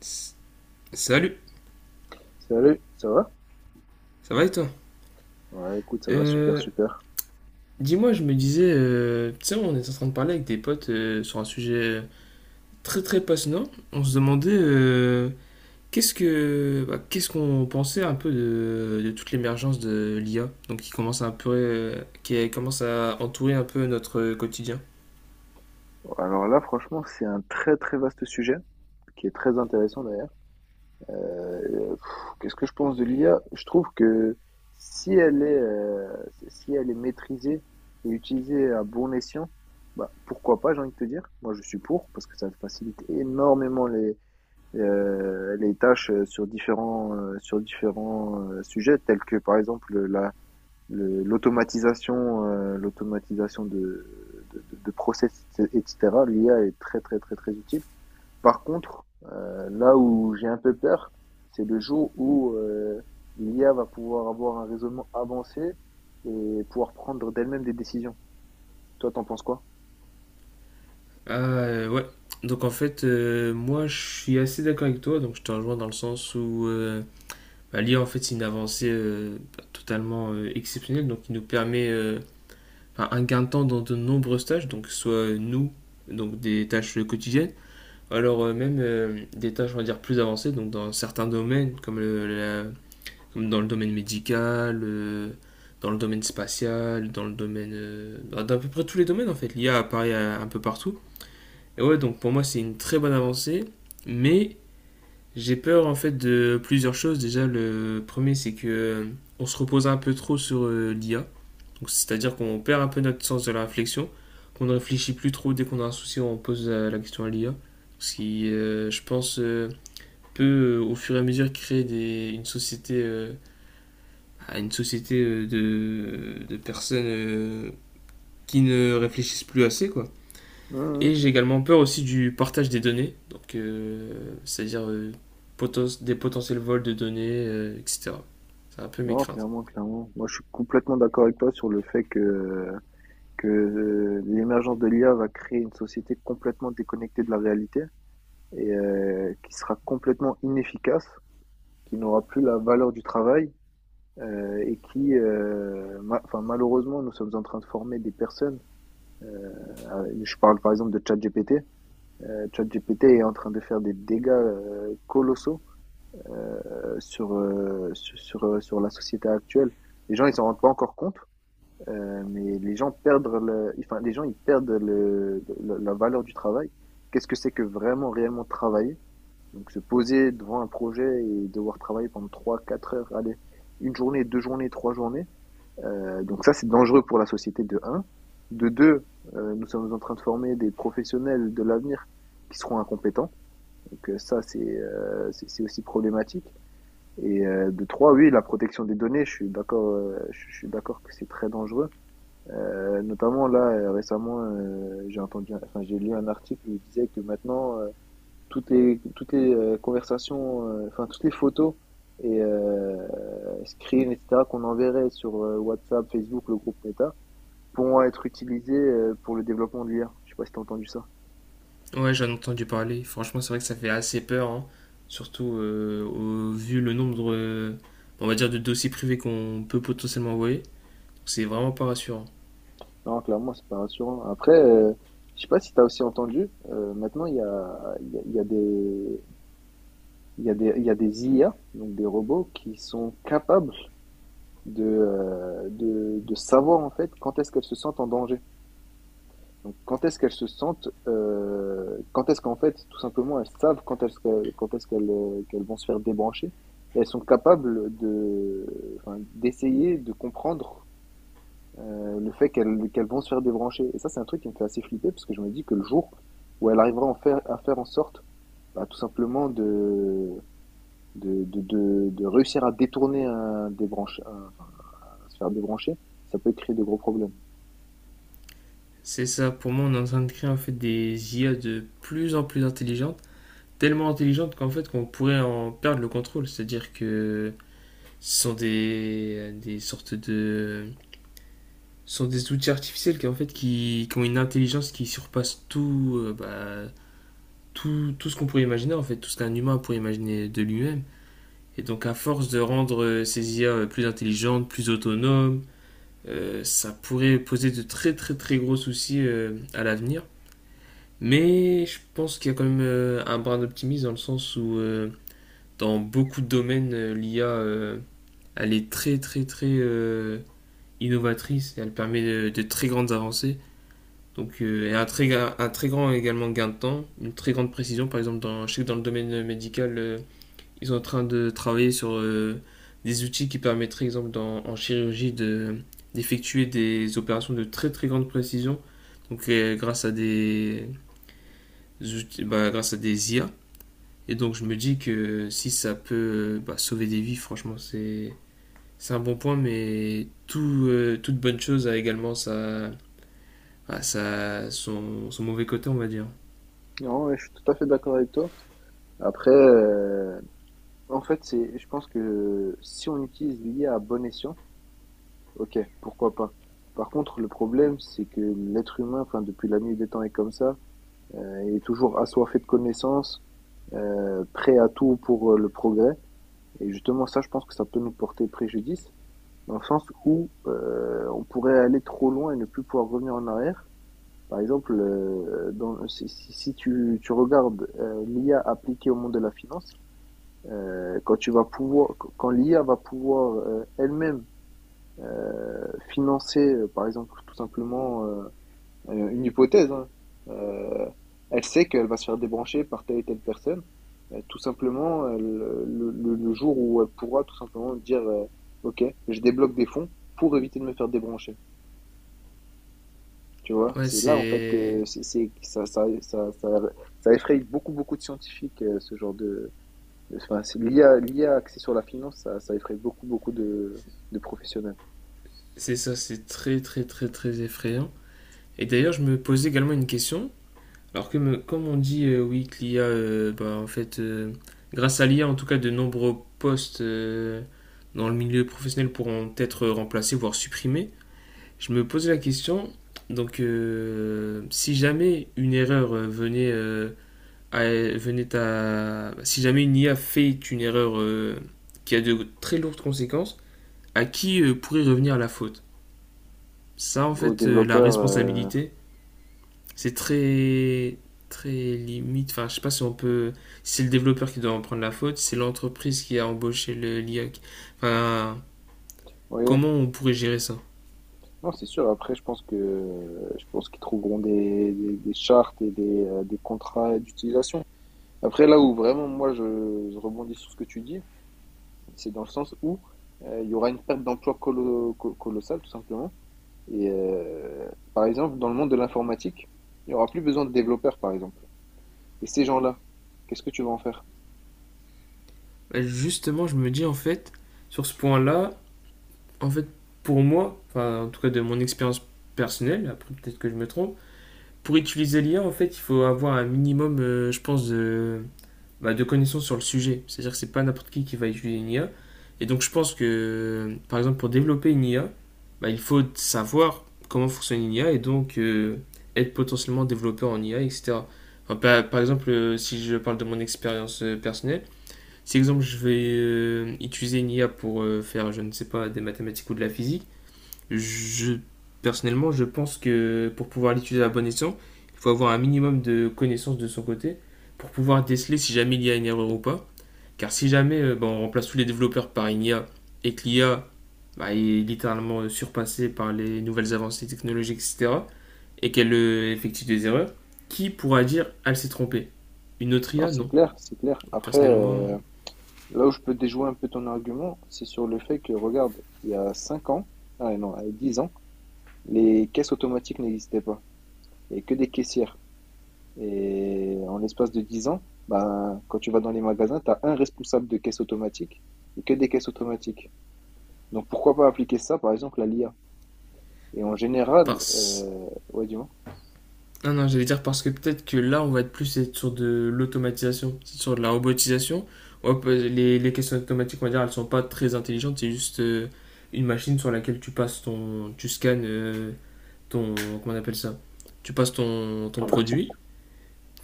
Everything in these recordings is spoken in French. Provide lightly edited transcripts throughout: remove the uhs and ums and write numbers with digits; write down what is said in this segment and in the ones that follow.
S- Salut, Salut, ça va? ça va et toi? Ouais, écoute, ça va super, Euh, super. Dis-moi, je me disais, tu sais, on est en train de parler avec des potes sur un sujet très très passionnant. On se demandait qu'est-ce que, qu'est-ce qu'on pensait un peu de toute l'émergence de l'IA, donc qui commence à un peu, qui commence à entourer un peu notre quotidien. Alors là, franchement, c'est un très très vaste sujet, qui est très intéressant d'ailleurs. Qu'est-ce que je pense de l'IA? Je trouve que si elle est, euh, si elle est maîtrisée et utilisée à bon escient, bah, pourquoi pas, j'ai envie de te dire. Moi, je suis pour, parce que ça facilite énormément les tâches sur différents sujets, tels que par exemple l'automatisation de process, etc. L'IA est très, très, très, très utile. Par contre, là où j'ai un peu peur, c'est le jour où l'IA va pouvoir avoir un raisonnement avancé et pouvoir prendre d'elle-même des décisions. Toi, t'en penses quoi? Ouais. Donc en fait, moi, je suis assez d'accord avec toi. Donc je te rejoins dans le sens où L'IA, en fait, c'est une avancée totalement exceptionnelle, donc qui nous permet enfin, un gain de temps dans de nombreuses tâches, donc soit nous, donc des tâches quotidiennes, ou alors même des tâches, on va dire, plus avancées, donc dans certains domaines, comme dans le domaine médical, dans le domaine spatial, dans à peu près tous les domaines, en fait, l'IA apparaît un peu partout. Et ouais, donc pour moi, c'est une très bonne avancée, mais j'ai peur en fait de plusieurs choses. Déjà, le premier, c'est que on se repose un peu trop sur l'IA. Donc, c'est-à-dire qu'on perd un peu notre sens de la réflexion, qu'on ne réfléchit plus trop dès qu'on a un souci, on pose la question à l'IA. Ce qui, je pense, peut au fur et à mesure créer une société, de personnes qui ne réfléchissent plus assez, quoi. Mhm. Et j'ai également peur aussi du partage des données, donc c'est-à-dire des potentiels vols de données, etc. C'est un peu mes Non, craintes. clairement, clairement. Moi, je suis complètement d'accord avec toi sur le fait que l'émergence de l'IA va créer une société complètement déconnectée de la réalité, et qui sera complètement inefficace, qui n'aura plus la valeur du travail, et qui, enfin, malheureusement, nous sommes en train de former des personnes. Je parle par exemple de ChatGPT. ChatGPT est en train de faire des dégâts colossaux euh, sur la société actuelle. Les gens, ils s'en rendent pas encore compte, mais les gens perdent le, enfin, les gens, ils perdent la valeur du travail. Qu'est-ce que c'est que vraiment réellement travailler? Donc se poser devant un projet et devoir travailler pendant trois, quatre heures, allez, une journée, deux journées, trois journées. Donc ça, c'est dangereux pour la société de un. De 2, nous sommes en train de former des professionnels de l'avenir qui seront incompétents. Donc ça, c'est aussi problématique. Et de trois, oui, la protection des données, je suis d'accord, je suis d'accord que c'est très dangereux. Notamment là, récemment, j'ai entendu, enfin j'ai lu un article où il disait que maintenant, toutes les conversations, enfin toutes les photos et screens, etc., qu'on enverrait sur WhatsApp, Facebook, le groupe Meta, pourront être utilisées pour le développement de l'IA. Je sais pas si tu as entendu ça. Ouais, j'en ai entendu parler. Franchement, c'est vrai que ça fait assez peur, hein. Surtout vu le nombre, on va dire, de dossiers privés qu'on peut potentiellement envoyer. Donc, c'est vraiment pas rassurant. Non, clairement, c'est pas rassurant. Après, je sais pas si tu as aussi entendu, maintenant, il y a des IA, donc des robots, qui sont capables de savoir en fait quand est-ce qu'elles se sentent en danger. Donc, quand est-ce qu'elles se sentent, quand est-ce qu'en fait, tout simplement, elles savent qu'elles vont se faire débrancher et elles sont capables de, enfin, d'essayer de comprendre le fait qu'elles vont se faire débrancher. Et ça, c'est un truc qui me fait assez flipper parce que je me dis que le jour où elle arrivera à en faire, à faire en sorte, bah, tout simplement, de réussir à détourner un débranche, enfin, à se faire débrancher, ça peut créer de gros problèmes. C'est ça, pour moi, on est en train de créer en fait des IA de plus en plus intelligentes, tellement intelligentes qu'en fait qu'on pourrait en perdre le contrôle. C'est-à-dire que ce sont des sortes de ce sont des outils artificiels qui ont une intelligence qui surpasse tout tout, tout ce qu'on pourrait imaginer en fait tout ce qu'un humain pourrait imaginer de lui-même et donc à force de rendre ces IA plus intelligentes plus autonomes ça pourrait poser de très très très gros soucis à l'avenir, mais je pense qu'il y a quand même un brin d'optimisme dans le sens où dans beaucoup de domaines l'IA elle est très très très innovatrice et elle permet de très grandes avancées. Donc, et un très grand également gain de temps, une très grande précision. Par exemple, je sais que dans le domaine médical, ils sont en train de travailler sur des outils qui permettraient, exemple, en chirurgie, d'effectuer des opérations de très très grande précision. Donc, grâce à des outils, grâce à des IA. Et donc, je me dis que si ça peut sauver des vies, franchement, c'est un bon point. Mais toute bonne chose a également sa, son, son mauvais côté, on va dire. Non, ouais, je suis tout à fait d'accord avec toi. Après, En fait, c'est, je pense que si on utilise l'IA à bon escient, ok, pourquoi pas. Par contre, le problème, c'est que l'être humain, enfin, depuis la nuit des temps est comme ça, est toujours assoiffé de connaissances, prêt à tout pour le progrès. Et justement, ça, je pense que ça peut nous porter préjudice, dans le sens où on pourrait aller trop loin et ne plus pouvoir revenir en arrière. Par exemple, si tu regardes l'IA appliquée au monde de la finance, quand tu vas pouvoir, quand l'IA va pouvoir elle-même financer, par exemple, tout simplement une hypothèse, hein, euh, elle sait qu'elle va se faire débrancher par telle et telle personne. Tout simplement, le jour où elle pourra tout simplement dire, OK, je débloque des fonds pour éviter de me faire débrancher. Tu vois, Ouais, c'est là en fait que c'est, c'est- ça effraie beaucoup, beaucoup de scientifiques, ce genre de, enfin, l'IA, a l'I A axée sur la finance, ça effraie beaucoup, beaucoup de professionnels. c'est ça, c'est très très très très effrayant. Et d'ailleurs, je me posais également une question. Comme on dit, oui, que l'IA, grâce à l'IA, en tout cas, de nombreux postes dans le milieu professionnel pourront être remplacés, voire supprimés. Je me posais la question, donc si jamais une erreur si jamais une IA fait une erreur qui a de très lourdes conséquences, à qui pourrait revenir la faute? Ça, en Aux fait, la développeurs, responsabilité, c'est très limite. Enfin, je sais pas si on peut. Si c'est le développeur qui doit en prendre la faute, si c'est l'entreprise qui a embauché l'IA. Enfin, oui, comment on pourrait gérer ça? non, c'est sûr. Après, je pense qu'ils trouveront des chartes et des contrats d'utilisation. Après, là où vraiment moi je rebondis sur ce que tu dis, c'est dans le sens où il y aura une perte d'emploi colossale, tout simplement. Et par exemple, dans le monde de l'informatique, il n'y aura plus besoin de développeurs, par exemple. Et ces gens-là, qu'est-ce que tu vas en faire? Justement, je me dis, en fait, sur ce point-là, en fait, pour moi, enfin, en tout cas de mon expérience personnelle, après peut-être que je me trompe, pour utiliser l'IA, en fait, il faut avoir un minimum, je pense, de connaissances sur le sujet. C'est-à-dire que c'est pas n'importe qui va utiliser une IA. Et donc, je pense que, par exemple, pour développer une IA, il faut savoir comment fonctionne une IA et donc être potentiellement développeur en IA, etc. Enfin, par exemple, si je parle de mon expérience personnelle, si exemple je vais utiliser une IA pour faire, je ne sais pas, des mathématiques ou de la physique, je, personnellement, je pense que pour pouvoir l'utiliser à bon escient, il faut avoir un minimum de connaissances de son côté pour pouvoir déceler si jamais il y a une erreur ou pas. Car si jamais on remplace tous les développeurs par une IA et que l'I a, est littéralement surpassée par les nouvelles avancées technologiques, etc., et qu'elle effectue des erreurs, qui pourra dire elle s'est trompée? Une autre Non, IA? c'est Non. clair, c'est clair. Donc, Après, personnellement, là où je peux déjouer un peu ton argument, c'est sur le fait que, regarde, il y a 5 ans, ah non, il y a 10 ans, les caisses automatiques n'existaient pas. Il n'y avait que des caissières. Et en l'espace de 10 ans, ben, quand tu vas dans les magasins, tu as un responsable de caisse automatique et que des caisses automatiques. Donc pourquoi pas appliquer ça, par exemple, à l'IA? Et en général, parce ouais, dis-moi. non, non, j'allais dire parce que peut-être que là, on va être sur de l'automatisation, sur de la robotisation. On va pas- Les questions automatiques, on va dire, elles sont pas très intelligentes. C'est juste une machine sur laquelle tu passes ton. Tu scannes ton. Comment on appelle ça? Tu passes ton En partie. produit,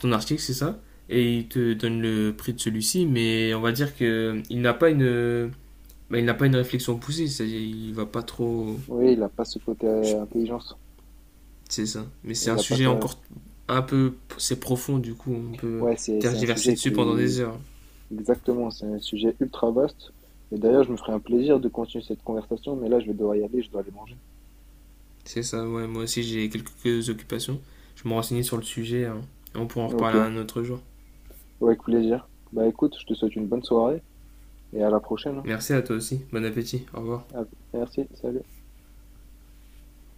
ton article, c'est ça. Et il te donne le prix de celui-ci. Mais on va dire que il n'a pas une. Il n'a pas une réflexion poussée. C'est-à-dire, il va pas trop. Oui, il n'a pas ce côté intelligence. C'est ça. Mais c'est Il un a pas sujet ça. encore un peu. C'est profond, du coup, on peut Ouais, c'est un tergiverser sujet dessus pendant qui, des heures. exactement, c'est un sujet ultra vaste. Et d'ailleurs, je me ferai un plaisir de continuer cette conversation, mais là, je vais devoir y aller, je dois aller manger. C'est ça, ouais. Moi aussi, j'ai quelques occupations. Je me renseignais sur le sujet. Hein. On pourra en Ok, reparler ouais, un autre jour. avec plaisir. Bah écoute, je te souhaite une bonne soirée et à la prochaine, hein. Merci à toi aussi. Bon appétit. Au revoir. Ah, merci, salut.